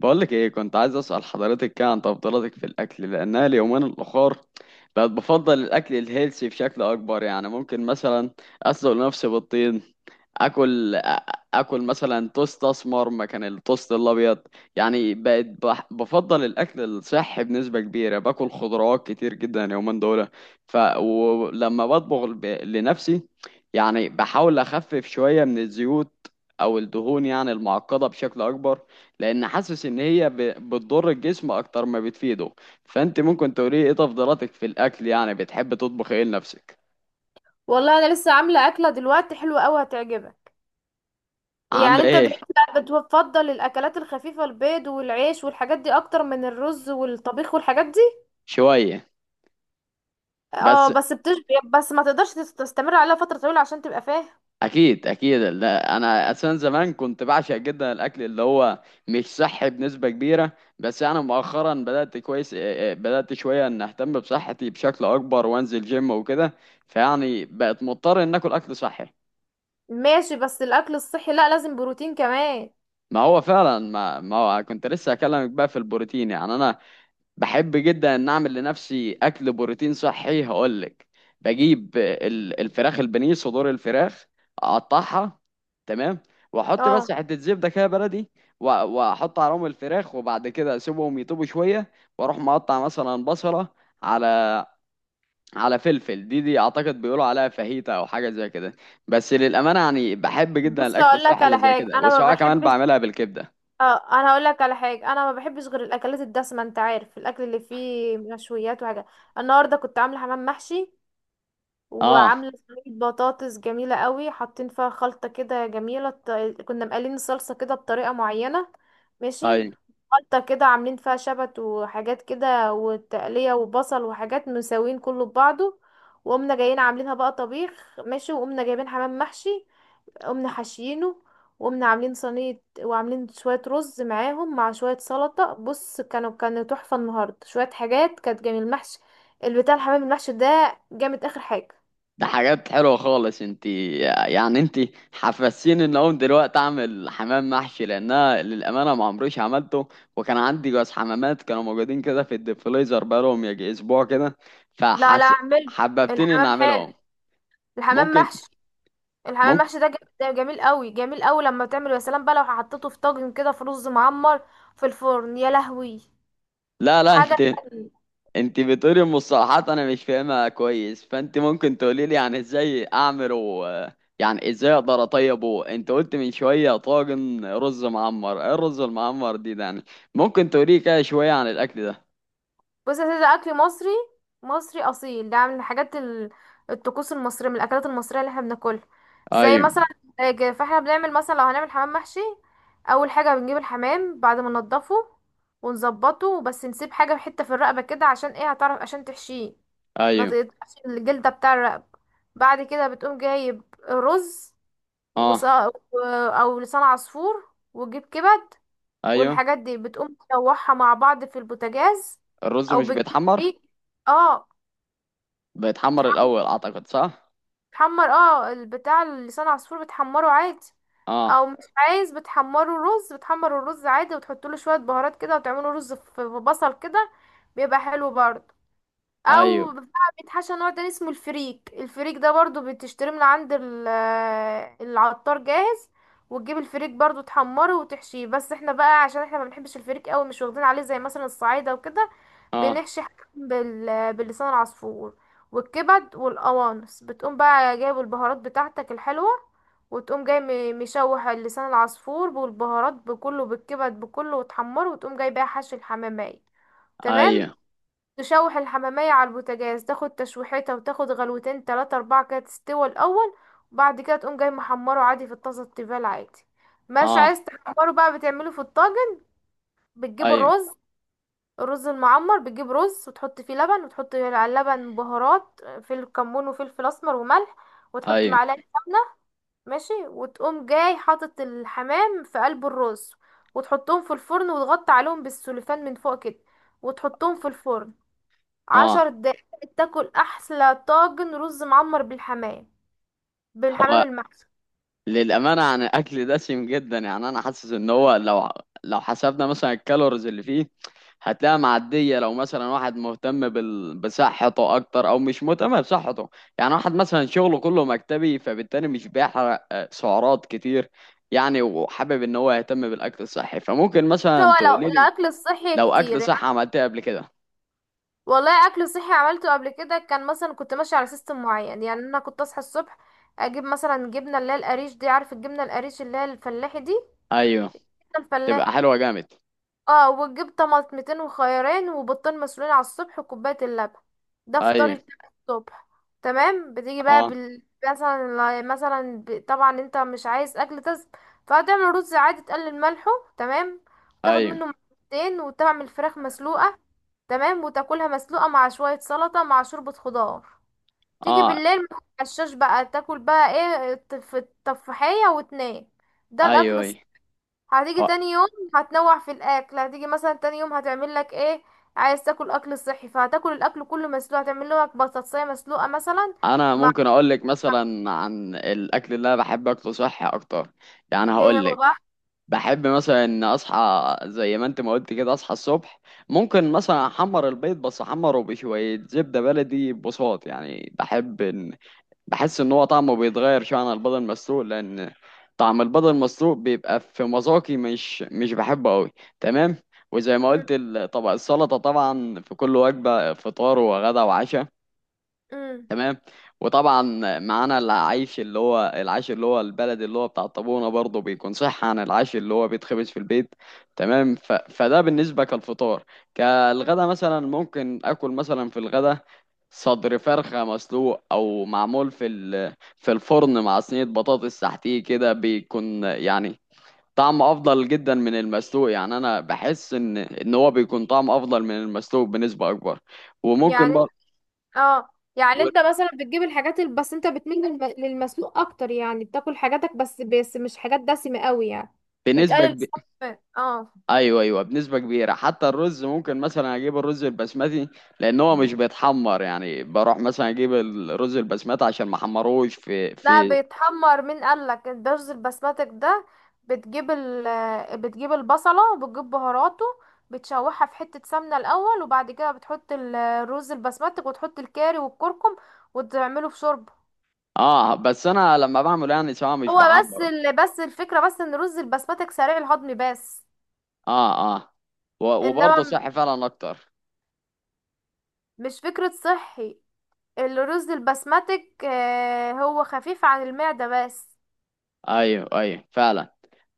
بقولك ايه، كنت عايز اسأل حضرتك كده عن تفضيلاتك في الاكل، لانها اليومين الاخر بقت بفضل الاكل الهيلثي بشكل اكبر. يعني ممكن مثلا اسلق نفسي بالطين، اكل اكل مثلا توست اسمر مكان التوست الابيض. يعني بقت بفضل الاكل الصحي بنسبه كبيره، باكل خضروات كتير جدا اليومين دول. ف ولما بطبخ لنفسي، يعني بحاول اخفف شويه من الزيوت او الدهون، يعني المعقده بشكل اكبر، لان حاسس ان هي بتضر الجسم اكتر ما بتفيده. فانت ممكن تقولي ايه تفضيلاتك في الاكل؟ يعني بتحب تطبخ ايه لنفسك؟ والله انا لسه عامله اكله دلوقتي حلوه قوي هتعجبك. عامله يعني انت ايه؟ دلوقتي بقى بتفضل الاكلات الخفيفه، البيض والعيش والحاجات دي، اكتر من الرز والطبيخ والحاجات دي؟ شويه؟ اه بس بس بتشبع، بس ما تقدرش تستمر عليها فتره طويله عشان تبقى فاهم. اكيد اكيد. لا انا اساسا زمان كنت بعشق جدا الاكل اللي هو مش صحي بنسبه كبيره، بس انا مؤخرا بدات كويس، بدات شويه ان اهتم بصحتي بشكل اكبر وانزل جيم وكده. فيعني بقت مضطر ان اكل اكل صحي. ماشي، بس الاكل الصحي لا، لازم بروتين كمان. ما هو فعلا، ما هو كنت لسه اكلمك بقى في البروتين. يعني انا بحب جدا ان اعمل لنفسي اكل بروتين صحي. هقولك، بجيب الفراخ البانيه، صدور الفراخ، اقطعها، تمام، واحط بس اه. حته زبده كده بلدي، واحط عليهم الفراخ، وبعد كده اسيبهم يطيبوا شويه، واروح مقطع مثلا بصله على على فلفل. دي اعتقد بيقولوا عليها فاهيتا او حاجه زي كده. بس للامانه يعني بحب جدا بص الاكل اقول لك الصحي اللي على زي حاجه، كده، انا ما وسواء كمان بحبش. بعملها بالكبده. اه انا هقول لك على حاجه، انا ما بحبش غير الاكلات الدسمه، انت عارف الاكل اللي فيه مشويات وحاجات. النهارده كنت عامله حمام محشي، اه. وعامله صينيه بطاطس جميله قوي، حاطين فيها خلطه كده جميله، كنا مقلين الصلصه كده بطريقه معينه. ماشي. طيب. خلطه كده عاملين فيها شبت وحاجات كده وتقليه وبصل وحاجات، مساويين كله ببعضه. وقمنا جايين عاملينها بقى طبيخ ماشي، وقمنا جايبين حمام محشي، قمنا حاشيينه، وقمنا عاملين صينيه وعاملين شويه رز معاهم مع شويه سلطه. بص، كانوا تحفه النهارده، شويه حاجات كانت جميل، المحشي البتاع، الحمام المحشي ده جامد اخر حاجه. ده حاجات حلوة خالص. انت يعني انت حفزتيني ان اقوم دلوقتي اعمل حمام محشي، لانها للامانة ما عمريش عملته. وكان عندي جواز حمامات كانوا موجودين كده في الديفليزر بقالهم يجي اسبوع كده. لا لا فحس، اعمله، حببتني ان الحمام حلو، اعملهم. الحمام ممكن. محشي. الحمام ممكن. محشي ده ده جميل قوي جميل قوي لما بتعمله، يا سلام بقى لو حطيته في طاجن كده في رز معمر في الفرن، يا لهوي لا لا، حاجه. انت انت بتقولي المصطلحات انا مش فاهمها كويس، فانت ممكن تقولي لي يعني ازاي اعمله؟ يعني ازاي اقدر اطيبه؟ انت قلت من شويه طاجن رز معمر. ايه الرز المعمر دي ده يعني؟ ممكن تقولي كده شويه عن الاكل ده؟ بص يا سيدي، ده اكل مصري، مصري اصيل، ده من الحاجات الطقوس المصريه، من الاكلات المصريه اللي احنا بناكلها، زي ايوه. مثلا. فاحنا بنعمل مثلا لو هنعمل حمام محشي، اول حاجه بنجيب الحمام بعد ما ننضفه ونظبطه، بس نسيب حاجه حته في الرقبه كده، عشان ايه؟ هتعرف عشان تحشيه، ما ايوه. تقطعش الجلدة بتاع الرقبة. بعد كده بتقوم جايب رز وص... اه. و- او لسان عصفور، وتجيب كبد، ايوه. والحاجات دي بتقوم تشوحها مع بعض في البوتاجاز، الرز او مش بتجيب بيتحمر؟ ريق. اه بيتحمر بتح- الاول اعتقد، صح؟ بتحمر، اه البتاع لسان عصفور بتحمره عادي، اه. او مش عايز بتحمره رز، بتحمر الرز عادي وتحط له شوية بهارات كده، وتعمله رز في بصل كده، بيبقى حلو برضه. ايوه. او بتاع بيتحشى نوع تاني اسمه الفريك، الفريك ده برضو بتشتريه من عند العطار جاهز، وتجيب الفريك برضو، تحمره وتحشيه. بس احنا بقى عشان احنا ما بنحبش الفريك قوي، مش واخدين عليه زي مثلا الصعايده وكده، اه. بنحشي حاجة باللسان العصفور والكبد والقوانص. بتقوم بقى جايب البهارات بتاعتك الحلوه، وتقوم جاي مشوح اللسان العصفور بالبهارات بكله، بالكبد بكله، وتحمره، وتقوم جاي بقى حشي الحمامية. تمام. ايوه. تشوح الحمامية على البوتاجاز، تاخد تشويحتها، وتاخد غلوتين تلاتة أربعة كده تستوى الأول، وبعد كده تقوم جاي محمره عادي في الطاسة التيفال عادي، مش اه. عايز تحمره بقى بتعمله في الطاجن. بتجيب ايوه. الرز، الرز المعمر، بتجيب رز وتحط فيه لبن، وتحط على اللبن بهارات فلفل كمون وفلفل أسمر وملح، وتحط ايوه. معلقة سمنة. ماشي. وتقوم جاي حاطط الحمام في قلب الرز، وتحطهم في الفرن، وتغطي عليهم بالسوليفان من فوق كده، وتحطهم في الفرن عشر اه. دقايق تاكل احلى طاجن رز معمر بالحمام، بالحمام هو المحشي. للأمانة عن الأكل دسم جدا. يعني أنا حاسس إن هو لو، لو حسبنا مثلا الكالوريز اللي فيه، هتلاقيها معدية لو مثلا واحد مهتم بصحته أكتر أو مش مهتم بصحته. يعني واحد مثلا شغله كله مكتبي، فبالتالي مش بيحرق سعرات كتير. يعني وحابب إن هو يهتم بالأكل الصحي، فممكن بس مثلا هو، تقولي لو لي الاكل الصحي لو كتير أكل صحي يعني. عملتها قبل كده. والله اكل صحي عملته قبل كده، كان مثلا كنت ماشيه على سيستم معين. يعني انا كنت اصحى الصبح، اجيب مثلا جبنه اللي هي القريش دي، عارف الجبنه القريش اللي هي الفلاحي دي؟ أيوه. الفلاح. تبقى حلوة جامد. اه. وتجيب طماطمتين وخيارين وبيضتين مسلوقين على الصبح، وكوباية اللبن، ده أيوه. فطار الصبح. تمام. بتيجي بقى أه. بال... مثلا مثلا ب... طبعا انت مش عايز اكل دسم، فهتعمل رز عادي، تقلل ملحه. تمام. وتاخد أيوه. منه مرتين، وتعمل فراخ مسلوقة. تمام. وتاكلها مسلوقة مع شوية سلطة مع شوربة خضار. تيجي أه. بالليل ما تتعشاش بقى، تاكل بقى ايه، التفاحية وتنام. ده الاكل. أيوه. أيوه. هتيجي تاني يوم، هتنوع في الاكل، هتيجي مثلا تاني يوم هتعمل لك ايه؟ عايز تاكل اكل صحي، فهتاكل الاكل كله مسلوق، هتعمل لك بطاطسية مسلوقة مثلا. انا مع ممكن اقول لك مثلا عن الاكل اللي انا بحب اكله صحي اكتر. يعني ايه هقول هو بقى؟ لك، بحب مثلا ان اصحى، زي ما انت ما قلت كده، اصحى الصبح، ممكن مثلا احمر البيض بس احمره بشويه زبده بلدي بساط. يعني بحب ان، بحس ان هو طعمه بيتغير شويه عن البيض المسلوق، لان طعم البيض المسلوق بيبقى في مذاقي مش بحبه قوي. تمام. وزي ما مم، قلت طبق السلطه، طبعا في كل وجبه فطار وغدا وعشاء. مم، تمام. وطبعا معانا العيش اللي هو العيش اللي هو البلد اللي هو بتاع الطابونة، برضه بيكون صح عن العيش اللي هو بيتخبز في البيت. تمام. فده بالنسبة كالفطار. مم. كالغدا مثلا ممكن اكل مثلا في الغدا صدر فرخة مسلوق او معمول في الفرن مع صينية بطاطس تحتيه كده، بيكون يعني طعم افضل جدا من المسلوق. يعني انا بحس ان هو بيكون طعم افضل من المسلوق بنسبة اكبر. وممكن يعني بقى. اه، يعني انت مثلا بتجيب بس انت بتميل للمسلوق اكتر، يعني بتاكل حاجاتك بس، مش حاجات دسمة قوي يعني، بنسبة بتقلل كبيرة. السمنة. اه. ايوه ايوه، بنسبه كبيره. حتى الرز ممكن مثلا اجيب الرز البسمتي، لان هو مش بيتحمر. يعني بروح مثلا اجيب الرز البسمتي عشان ما احمروش في لا في بيتحمر، مين قالك الرز البسمتك ده؟ بتجيب ال بتجيب البصلة وبتجيب بهاراته، بتشوحها في حتة سمنة الأول، وبعد كده بتحط الرز البسمتك، وتحط الكاري والكركم، وتعمله في شوربة. اه، بس انا لما بعمله يعني سواء مش هو بحمره. بس الفكرة بس ان رز البسمتك سريع الهضم بس. اه. اه. انما وبرضه صحي فعلا اكتر. مش فكرة صحي، الرز البسمتك هو خفيف عن المعدة بس. ايوه ايوه، فعلا.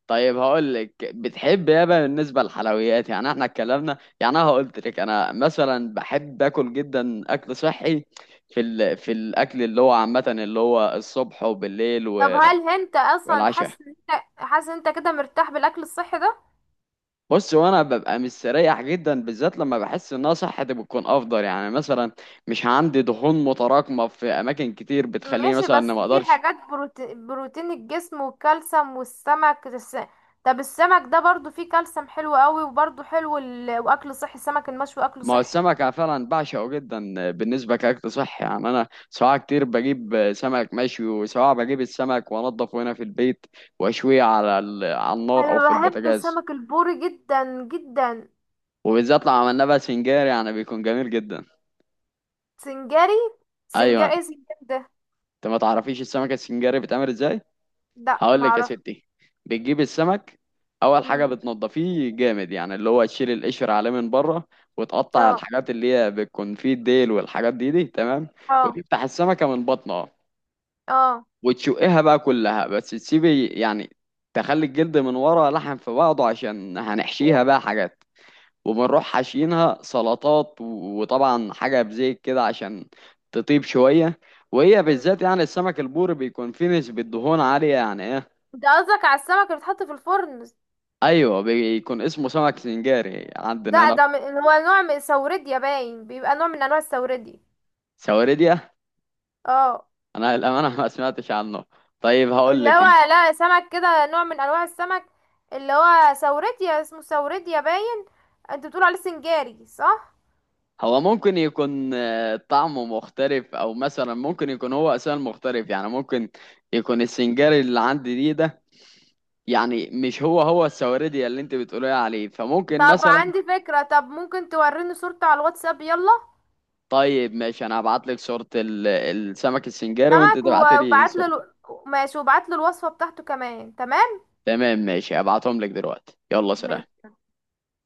طيب هقول لك، بتحب ايه بقى بالنسبه للحلويات؟ يعني احنا اتكلمنا، يعني انا قلت لك انا مثلا بحب اكل جدا اكل صحي في الاكل اللي هو عامه، اللي هو الصبح وبالليل طب هل انت اصلا والعشاء. حاسس، ان انت حاسس ان انت كده مرتاح بالاكل الصحي ده؟ بص، وانا ببقى مستريح جدا، بالذات لما بحس انها صحتي بتكون افضل. يعني مثلا مش عندي دهون متراكمه في اماكن كتير بتخليني ماشي، مثلا ان بس ما في اقدرش. حاجات بروتين الجسم والكالسيوم والسمك طب السمك ده برضو فيه كالسيوم حلو قوي، وبرضو حلو واكل صحي، السمك المشوي اكله ما هو صحي. السمك أنا فعلا بعشقه جدا بالنسبه كاكل صحي. يعني انا سواء كتير بجيب سمك مشوي، وسواء بجيب السمك وانضفه هنا في البيت واشويه على النار او انا في بحب البوتاجاز. سمك البوري جدا جدا. وبالذات لو عملناه بقى سنجاري يعني بيكون جميل جدا. سنجاري؟ ايوه. سنجاري ايه سنجاري ده؟ انت ما تعرفيش السمك السنجاري بيتعمل ازاي؟ لا هقول لك يا معرفش. ستي. بتجيب السمك، اول حاجه امم. بتنضفيه جامد، يعني اللي هو تشيل القشر عليه من بره، وتقطع اه، الحاجات اللي هي بتكون فيه، الديل والحاجات دي دي، تمام. اه، وتفتح السمكه من بطنها، اه، وتشقها بقى كلها، بس تسيبي يعني تخلي الجلد من ورا لحم في بعضه، عشان هنحشيها و... بقى حاجات. وبنروح حاشينها سلطات، وطبعا حاجه بزيت كده عشان تطيب شويه. وهي مم. بالذات، يعني السمك البوري، بيكون فيه نسبة دهون عالية يعني. ده قصدك على السمك اللي بيتحط في الفرن؟ ايوه، بيكون اسمه سمك سنجاري عندنا لا هنا. ده هو نوع من السوردي باين، بيبقى نوع من انواع السوردي. سواردية. اه انا للامانه ما سمعتش عنه. طيب هقول اللي لك هو، انت، لا سمك كده نوع من انواع السمك، اللي هو سوريديا، اسمه سوريديا باين، انت بتقول عليه سنجاري صح؟ هو ممكن يكون طعمه مختلف، او مثلا ممكن يكون هو اساسا مختلف. يعني ممكن يكون السنجاري اللي عندي دي ده، يعني مش هو هو السواردية اللي انت بتقولي عليه. فممكن طب مثلا. عندي فكرة، طب ممكن توريني صورته على الواتساب؟ يلا طيب ماشي، انا هبعت لك صورة السمك السنجاري، وانت سمك تبعت لي وبعت له، صورته. ماشي وبعت له الوصفة بتاعته كمان. تمام تمام ماشي، هبعتهم لك دلوقتي. يلا سلام. ماشي.